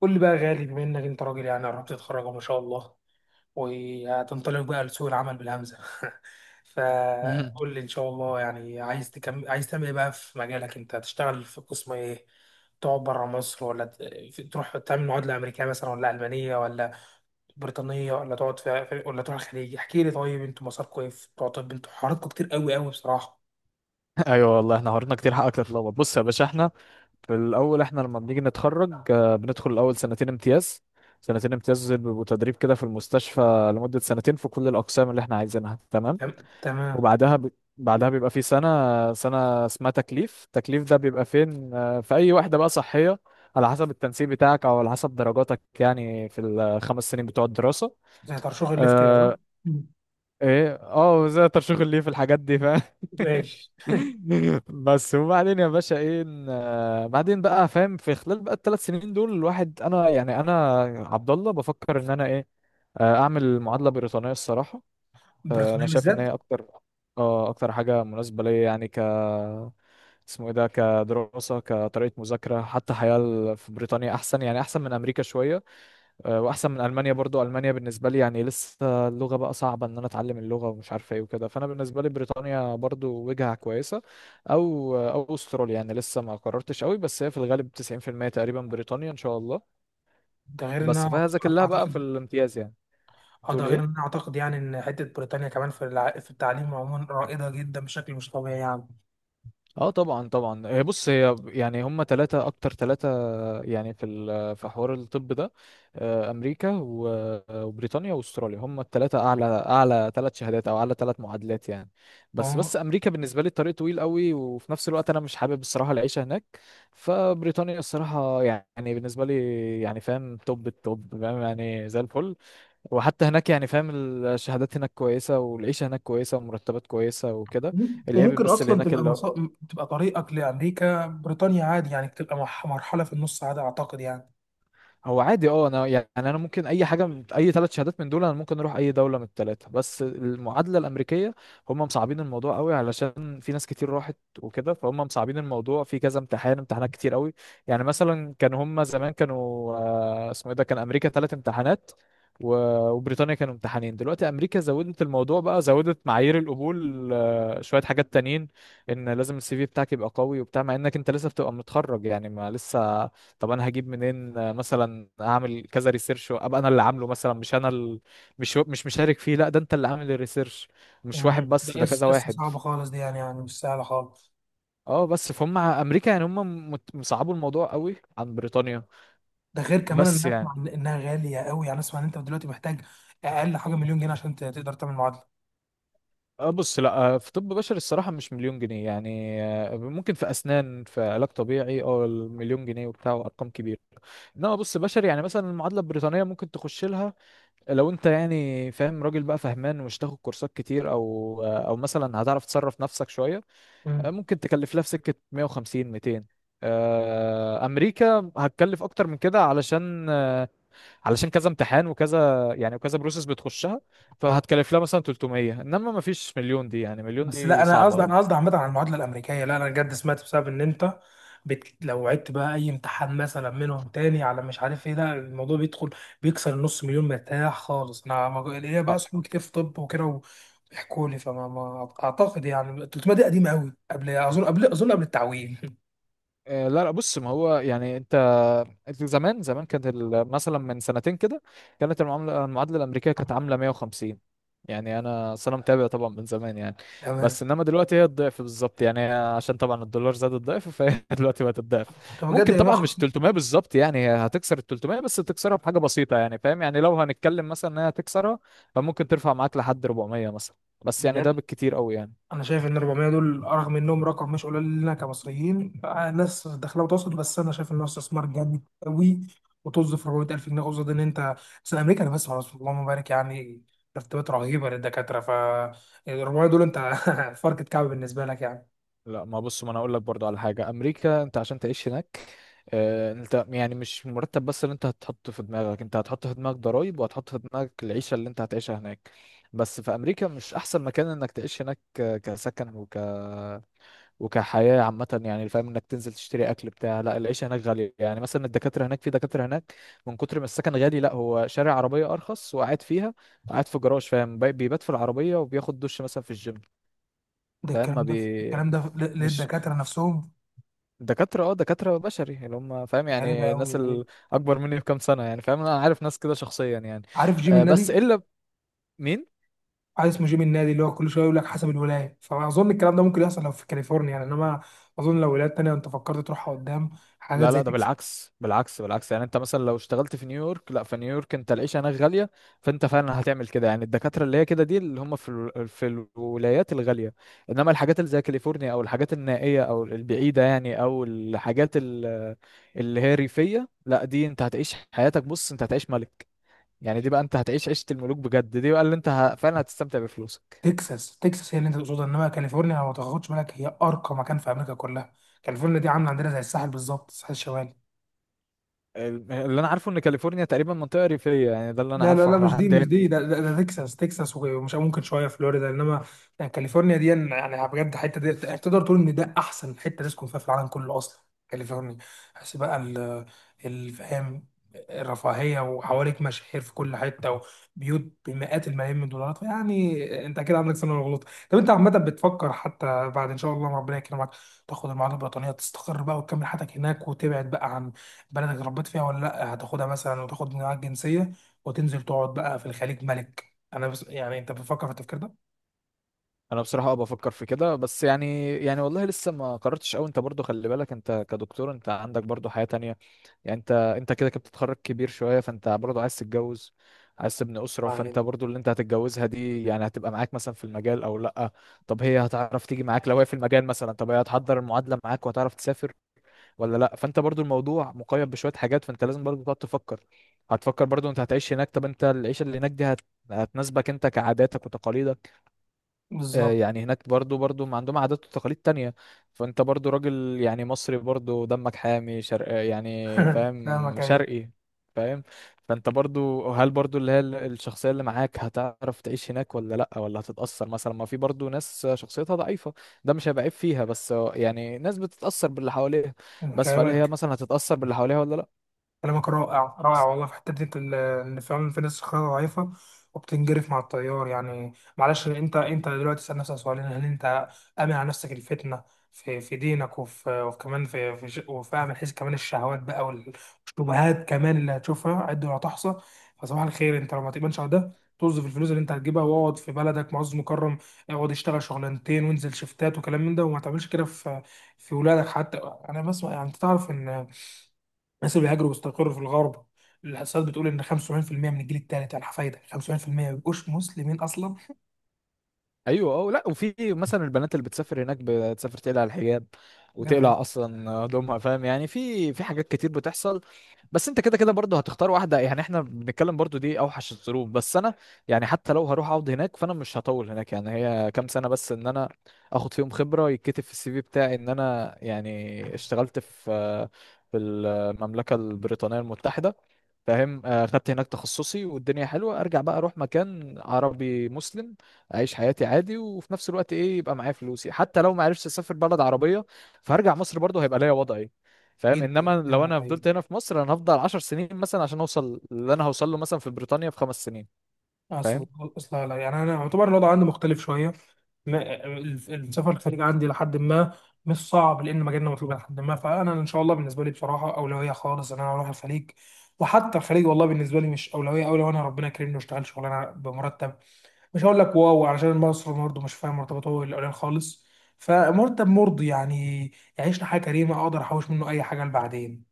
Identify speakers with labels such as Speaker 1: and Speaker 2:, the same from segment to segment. Speaker 1: قول لي بقى يا غالي، بما انك انت راجل، يعني قربت تتخرج ما شاء الله وهتنطلق بقى لسوق العمل بالهمزه.
Speaker 2: مهم.
Speaker 1: فقول لي ان شاء الله، يعني عايز تكمل، عايز تعمل ايه بقى في مجالك؟ انت هتشتغل في قسم ايه؟ تقعد بره مصر ولا تروح تعمل معادله امريكيه مثلا، ولا المانيه، ولا بريطانيه، ولا تقعد ولا تروح الخليج؟ احكي لي. طيب انتوا مساركم ايه في بتوع طب؟ انتوا حواراتكم كتير قوي قوي بصراحه.
Speaker 2: ايوه والله، احنا حوارنا كتير حقك تتلخبط. بص يا باشا، احنا في الاول احنا لما بنيجي نتخرج، بندخل الاول سنتين امتياز. سنتين امتياز دول بيبقوا تدريب كده في المستشفى لمدة سنتين في كل الاقسام اللي احنا عايزينها. تمام.
Speaker 1: تمام تمام.
Speaker 2: وبعدها ب... بعدها بيبقى في سنة، سنة اسمها تكليف. التكليف ده بيبقى فين؟ في اي واحدة بقى صحية، على حسب التنسيق بتاعك او على حسب درجاتك، يعني في ال 5 سنين بتوع الدراسة.
Speaker 1: زي ترشيح الليفت كده صح؟
Speaker 2: آه،
Speaker 1: مم.
Speaker 2: ايه، زي ترشيح الليف الحاجات دي فاهم.
Speaker 1: ماشي.
Speaker 2: بس وبعدين يا باشا ايه بعدين بقى فاهم، في خلال بقى ال 3 سنين دول الواحد انا يعني انا عبد الله بفكر ان انا ايه، اعمل معادله بريطانيه الصراحه. انا
Speaker 1: بريطانيه
Speaker 2: شايف ان
Speaker 1: بالذات؟
Speaker 2: هي اكتر حاجه مناسبه ليا، يعني اسمه ايه ده، كدراسه كطريقه مذاكره، حتى حياه في بريطانيا احسن، يعني احسن من امريكا شويه. واحسن من المانيا برضو. المانيا بالنسبه لي يعني لسه اللغه بقى صعبه ان انا اتعلم اللغه ومش عارفه ايه وكده. فانا بالنسبه لي بريطانيا برضو وجهه كويسه، او استراليا، يعني لسه ما قررتش قوي، بس هي في الغالب 90% تقريبا بريطانيا ان شاء الله.
Speaker 1: ده غير
Speaker 2: بس
Speaker 1: انها،
Speaker 2: فهي ذاكر لها بقى في
Speaker 1: اعتقد.
Speaker 2: الامتياز يعني.
Speaker 1: اه ده
Speaker 2: تقول
Speaker 1: غير ان انا
Speaker 2: ايه؟
Speaker 1: اعتقد يعني ان حته بريطانيا كمان في في التعليم عموما رائده جدا بشكل مش طبيعي يعني.
Speaker 2: اه طبعا طبعا، هي بص، هي يعني هم ثلاثة اكتر ثلاثة. يعني في في حوار الطب ده، امريكا وبريطانيا واستراليا هم الثلاثه اعلى، اعلى 3 شهادات او اعلى 3 معادلات يعني. بس
Speaker 1: وم-
Speaker 2: امريكا بالنسبه لي الطريق طويل قوي، وفي نفس الوقت انا مش حابب الصراحه العيشه هناك. فبريطانيا الصراحه يعني بالنسبه لي يعني فاهم، توب التوب فاهم، يعني زي الفل. وحتى هناك يعني فاهم، الشهادات هناك كويسه والعيشه هناك كويسه ومرتبات كويسه وكده. العيب
Speaker 1: وممكن
Speaker 2: بس اللي
Speaker 1: اصلا
Speaker 2: هناك
Speaker 1: تبقى
Speaker 2: اللي
Speaker 1: تبقى طريقك لامريكا بريطانيا عادي، يعني تبقى مرحله في النص عادي اعتقد يعني.
Speaker 2: هو، عادي. اه، انا يعني انا ممكن اي حاجه من اي 3 شهادات من دول، انا ممكن اروح اي دوله من الثلاثه. بس المعادله الامريكيه، هم مصعبين الموضوع قوي علشان في ناس كتير راحت وكده، فهم مصعبين الموضوع في كذا امتحان، امتحانات كتير قوي. يعني مثلا كان هم زمان كانوا، اسمه ايه ده، كان امريكا 3 امتحانات وبريطانيا كانوا امتحانين. دلوقتي امريكا زودت الموضوع بقى، زودت معايير القبول، شويه حاجات تانيين، ان لازم ال CV بتاعك يبقى قوي وبتاع، مع انك انت لسه بتبقى متخرج يعني ما لسه. طب انا هجيب منين؟ مثلا اعمل كذا ريسيرش ابقى انا اللي عامله، مثلا مش انا مش مشارك فيه، لا ده انت اللي عامل الريسيرش، مش
Speaker 1: مم.
Speaker 2: واحد
Speaker 1: ده
Speaker 2: بس ده
Speaker 1: اس
Speaker 2: كذا
Speaker 1: اس
Speaker 2: واحد.
Speaker 1: صعبه خالص دي، يعني يعني مش سهله خالص.
Speaker 2: اه بس فهم امريكا يعني هم مصعبوا الموضوع قوي عن بريطانيا.
Speaker 1: ده غير كمان
Speaker 2: بس
Speaker 1: ان اسمع
Speaker 2: يعني
Speaker 1: انها غاليه قوي، يعني اسمع ان انت دلوقتي محتاج اقل حاجه مليون جنيه عشان تقدر تعمل معادله.
Speaker 2: اه بص لا، في طب بشري الصراحة مش مليون جنيه يعني. ممكن في أسنان، في علاج طبيعي اه المليون جنيه وبتاع وأرقام كبيرة. انما بص بشري، يعني مثلا المعادله البريطانيه ممكن تخش لها، لو انت يعني فاهم راجل بقى فهمان، ومش تاخد كورسات كتير، او مثلا هتعرف تصرف نفسك شويه.
Speaker 1: مم.
Speaker 2: ممكن تكلف لها في سكه 150 200. امريكا هتكلف اكتر من كده، علشان كذا امتحان وكذا يعني، وكذا بروسيس بتخشها. فهتكلف لها مثلا 300، انما ما فيش مليون. دي يعني مليون
Speaker 1: بس لا
Speaker 2: دي
Speaker 1: انا
Speaker 2: صعبه
Speaker 1: قصدي،
Speaker 2: قوي.
Speaker 1: انا قصدي عامه على المعادله الامريكيه، لا انا بجد سمعت بسبب ان انت لو عدت بقى اي امتحان مثلا منهم تاني على مش عارف ايه، ده الموضوع بيدخل بيكسر النص مليون مرتاح خالص. انا ليا بقى
Speaker 2: اه
Speaker 1: صحاب كتير في طب وكده ويحكوا لي، فما ما اعتقد يعني 300 دي قديمه قوي، قبل اظن قبل التعويم.
Speaker 2: لا لا، بص ما هو يعني انت، زمان زمان كانت مثلا من سنتين كده، كانت المعادله الامريكيه كانت عامله 150. يعني انا أصل انا متابع طبعا من زمان يعني.
Speaker 1: تمام.
Speaker 2: بس انما دلوقتي هي الضعف بالظبط، يعني هي عشان طبعا الدولار زاد الضعف، فهي دلوقتي بقت الضعف.
Speaker 1: طب بجد
Speaker 2: ممكن طبعا مش
Speaker 1: 150؟
Speaker 2: 300 بالظبط يعني، هي هتكسر ال 300، بس تكسرها بحاجه بسيطه يعني، فاهم يعني لو هنتكلم مثلا ان هي هتكسرها، فممكن ترفع معاك لحد 400 مثلا، بس يعني ده بالكتير قوي يعني.
Speaker 1: انا شايف ان 400 دول، رغم انهم رقم مش قليل لنا كمصريين، ناس دخلها وتوصل، بس انا شايف انه استثمار جامد قوي. وطز في 400000 جنيه قصاد ان انت، بس امريكا انا بسمع، بس اللهم بارك، يعني مرتبات رهيبه للدكاتره، ف 400 دول انت فرقة كعب بالنسبه لك يعني.
Speaker 2: لا ما بص، ما انا اقول لك برضو على حاجه. امريكا انت عشان تعيش هناك، انت يعني مش المرتب بس اللي انت هتحطه في دماغك، انت هتحط في دماغك ضرايب، وهتحط في دماغك العيشه اللي انت هتعيشها هناك. بس في امريكا مش احسن مكان انك تعيش هناك، كسكن وكحياه عامه يعني، فاهم، انك تنزل تشتري اكل بتاع، لا العيشه هناك غاليه. يعني مثلا الدكاتره هناك، في دكاتره هناك من كتر ما السكن غالي، لا هو شارع عربيه ارخص وقاعد فيها، قاعد في جراج. فاهم، بيبات في العربيه وبياخد دش مثلا في الجيم.
Speaker 1: ده
Speaker 2: فاهم ما
Speaker 1: الكلام ده، الكلام ده
Speaker 2: مش
Speaker 1: للدكاتره نفسهم؟
Speaker 2: دكاترة بشري يعني هم، فاهم
Speaker 1: غريبه
Speaker 2: يعني
Speaker 1: قوي
Speaker 2: الناس
Speaker 1: غريب.
Speaker 2: الأكبر مني بكام سنة، يعني فاهم، أنا عارف ناس كده شخصيا يعني.
Speaker 1: عارف جيم
Speaker 2: بس
Speaker 1: النادي؟
Speaker 2: إلا مين؟
Speaker 1: عايز اسمه جيم النادي، اللي هو كل شويه يقول لك حسب الولايه. فاظن الكلام ده ممكن يحصل لو في كاليفورنيا يعني، انما اظن لو ولايات تانيه انت فكرت تروحها قدام، حاجات
Speaker 2: لا
Speaker 1: زي
Speaker 2: لا، ده
Speaker 1: تكساس.
Speaker 2: بالعكس بالعكس بالعكس، يعني انت مثلا لو اشتغلت في نيويورك، لا في نيويورك انت العيشة هناك غالية. فانت فعلا هتعمل كده يعني، الدكاترة اللي هي كده دي اللي هم في في الولايات الغالية. انما الحاجات اللي زي كاليفورنيا، او الحاجات النائية او البعيدة، يعني او الحاجات اللي هي ريفية، لا دي انت هتعيش حياتك، بص انت هتعيش ملك، يعني دي بقى انت هتعيش عيشة الملوك بجد. دي بقى اللي انت فعلا هتستمتع بفلوسك.
Speaker 1: تكساس تكساس هي اللي انت تقصدها، انما كاليفورنيا لو ما تاخدش بالك هي ارقى مكان في امريكا كلها. كاليفورنيا دي عامله عندنا زي الساحل بالظبط، الساحل الشمالي.
Speaker 2: اللي انا عارفه ان كاليفورنيا تقريبا منطقة ريفية، يعني ده اللي انا
Speaker 1: لا لا
Speaker 2: عارفه
Speaker 1: لا،
Speaker 2: على
Speaker 1: مش دي،
Speaker 2: حد
Speaker 1: مش دي،
Speaker 2: علمي.
Speaker 1: ده تكساس. تكساس ومش ممكن شويه فلوريدا، انما يعني كاليفورنيا دي، يعني بجد الحته دي تقدر تقول ان ده احسن حته تسكن فيها في العالم كله اصلا. كاليفورنيا. بس بقى الفهم، الرفاهيه، وحواليك مشاهير في كل حته، وبيوت بمئات الملايين من الدولارات، يعني انت اكيد عندك سنه غلط. طب انت عامه بتفكر حتى بعد ان شاء الله ما ربنا يكرمك تاخد المعادله البريطانيه تستقر بقى وتكمل حياتك هناك، وتبعد بقى عن بلدك اللي ربيت فيها، ولا لا هتاخدها مثلا وتاخد معاك جنسيه وتنزل تقعد بقى في الخليج ملك؟ انا بس يعني انت بتفكر في التفكير ده؟
Speaker 2: انا بصراحة اه بفكر في كده، بس يعني والله لسه ما قررتش قوي. انت برضو خلي بالك، انت كدكتور انت عندك برضو حياة تانية، يعني انت كده كده بتتخرج كبير شوية، فانت برضو عايز تتجوز، عايز تبني أسرة.
Speaker 1: آه،
Speaker 2: فانت
Speaker 1: يعني.
Speaker 2: برضو اللي انت هتتجوزها دي يعني هتبقى معاك مثلا في المجال او لا؟ طب هي هتعرف تيجي معاك لو هي في المجال مثلا؟ طب هي هتحضر المعادلة معاك وهتعرف تسافر ولا لا؟ فانت برضو الموضوع مقيد بشويه حاجات، فانت لازم برضو تقعد تفكر. هتفكر برضو انت هتعيش هناك، طب انت العيشه اللي هناك دي هتناسبك انت كعاداتك وتقاليدك؟
Speaker 1: بالظبط.
Speaker 2: يعني هناك برضو ما عندهم عادات وتقاليد تانية. فانت برضو راجل يعني مصري، برضو دمك حامي، شرق آه، يعني
Speaker 1: فاهمك،
Speaker 2: فاهم،
Speaker 1: ايوه.
Speaker 2: شرقي. فاهم، فانت برضو هل برضو اللي هي الشخصية اللي معاك هتعرف تعيش هناك ولا لأ؟ ولا هتتأثر مثلا؟ ما في برضو ناس شخصيتها ضعيفة، ده مش هيبقى عيب فيها، بس يعني ناس بتتأثر باللي حواليها، بس فهل
Speaker 1: كلامك،
Speaker 2: هي مثلا هتتأثر باللي حواليها ولا لأ؟
Speaker 1: كلامك رائع رائع والله في حتة دي، إن فعلا في ناس خيارها ضعيفة وبتنجرف مع التيار يعني. معلش، أنت دلوقتي تسأل نفسك سؤالين، هل أنت آمن على نفسك الفتنة في دينك، وفي، وكمان في وفاهم من حيث كمان الشهوات بقى والشبهات كمان، اللي هتشوفها عد ولا تحصى. فصباح الخير، أنت لو ما تؤمنش على ده توظف الفلوس اللي أنت هتجيبها واقعد في بلدك معز مكرم. اقعد اشتغل شغلانتين وانزل شفتات وكلام من ده، وما تعملش كده في ولادك حتى. أنا بسمع، يعني أنت تعرف إن الناس اللي بيهاجروا ويستقروا في الغرب، الإحصائيات بتقول إن 75% من الجيل الثالث، يعني حفايدك، 75% ما بيبقوش مسلمين أصلا.
Speaker 2: ايوه اه لا، وفي مثلا البنات اللي بتسافر هناك، بتسافر تقلع الحجاب،
Speaker 1: ده غريب
Speaker 2: وتقلع اصلا هدومها. فاهم يعني في حاجات كتير بتحصل. بس انت كده كده برضه هتختار واحده. يعني احنا بنتكلم برضه دي اوحش الظروف. بس انا يعني حتى لو هروح اقعد هناك فانا مش هطول هناك، يعني هي كام سنه بس ان انا اخد فيهم خبره يتكتب في ال CV بتاعي، ان انا يعني اشتغلت في المملكه البريطانيه المتحده. فاهم، خدت هناك تخصصي والدنيا حلوه، ارجع بقى اروح مكان عربي مسلم، اعيش حياتي عادي وفي نفس الوقت ايه يبقى معايا فلوسي. حتى لو ما عرفتش اسافر بلد عربيه، فهرجع مصر برضه هيبقى ليا وضعي، فاهم. انما
Speaker 1: جدا.
Speaker 2: لو
Speaker 1: نعم
Speaker 2: انا
Speaker 1: طيب.
Speaker 2: فضلت هنا في مصر، انا هفضل 10 سنين مثلا عشان اوصل اللي انا هوصل له مثلا في بريطانيا في 5 سنين،
Speaker 1: أصل،
Speaker 2: فاهم.
Speaker 1: أصلا لا، يعني أنا يعتبر الوضع عندي مختلف شوية، السفر الخارجي عندي لحد ما مش صعب لأن مجالنا مطلوب لحد ما. فأنا إن شاء الله بالنسبة لي بصراحة أولوية خالص إن أنا أروح الخليج. وحتى الخليج والله بالنسبة لي مش أولوية أوي. لو أنا ربنا كرمني واشتغل شغلانة بمرتب مش هقول لك واو، علشان مصر برضه مش فاهم مرتباته الأولاني خالص، فمرتب مرضي يعني، يعيشنا حياة كريمة، أقدر أحوش منه أي حاجة لبعدين،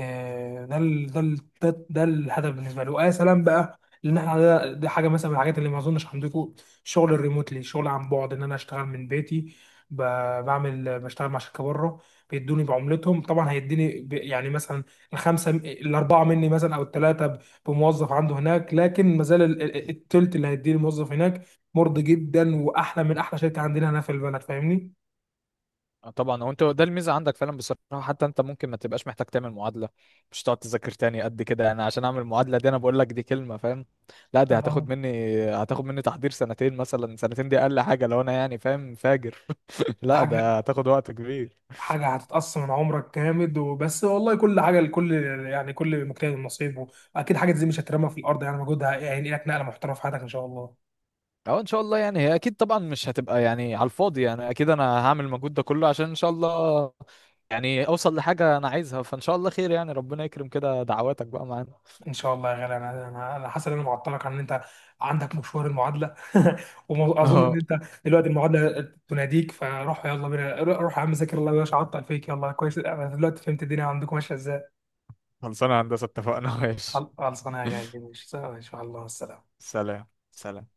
Speaker 1: ده الهدف بالنسبة لي. ويا سلام بقى، لأن احنا ده حاجة مثلا من الحاجات اللي ما أظنش عندكم، الشغل الريموتلي، الشغل عن بعد، إن أنا أشتغل من بيتي، بعمل، بشتغل مع شركة بره. بيدوني بعملتهم، طبعا هيديني يعني مثلا الخمسة، الأربعة مني مثلا، أو الثلاثة، بموظف عنده هناك، لكن ما زال التلت اللي هيديه الموظف هناك مرضي جدا واحلى من احلى شركه عندنا هنا في البلد، فاهمني؟
Speaker 2: طبعا هو انت ده الميزه عندك فعلا بصراحه، حتى انت ممكن ما تبقاش محتاج تعمل معادله، مش تقعد تذاكر تاني قد كده. انا عشان اعمل معادله دي، انا بقول لك دي كلمه فاهم. لا دي
Speaker 1: اه.
Speaker 2: هتاخد مني تحضير سنتين مثلا. سنتين دي اقل حاجه لو انا يعني فاهم فاجر.
Speaker 1: ده
Speaker 2: لا
Speaker 1: حاجه،
Speaker 2: ده هتاخد وقت كبير.
Speaker 1: حاجه هتتقص من عمرك جامد، وبس. والله كل حاجه لكل، يعني كل مجتهد نصيبه. اكيد حاجه زي مش هترمى في الارض، يعني مجهودها هينقلك نقله محترمه في حياتك ان شاء الله.
Speaker 2: او ان شاء الله يعني، هي اكيد طبعا مش هتبقى يعني على الفاضي، يعني اكيد انا هعمل المجهود ده كله عشان ان شاء الله يعني اوصل لحاجه انا عايزها، فان شاء الله خير يعني. ربنا يكرم كده، دعواتك بقى معانا.
Speaker 1: ان شاء الله يا غالي. انا انا أنا حاسس ان انا معطلك عن ان انت عندك مشوار المعادله. واظن ان
Speaker 2: اه
Speaker 1: انت دلوقتي المعادله تناديك، فروح، يلا بينا، روح يا عم، ذاكر الله مش عطل فيك. يلا، كويس، انا دلوقتي فهمت الدنيا عندكم ماشيه ازاي.
Speaker 2: خلصانه يا هندسه، اتفقنا. ماشي.
Speaker 1: خلصانه يا غالي، مش ان شاء الله. السلام.
Speaker 2: سلام. سلام.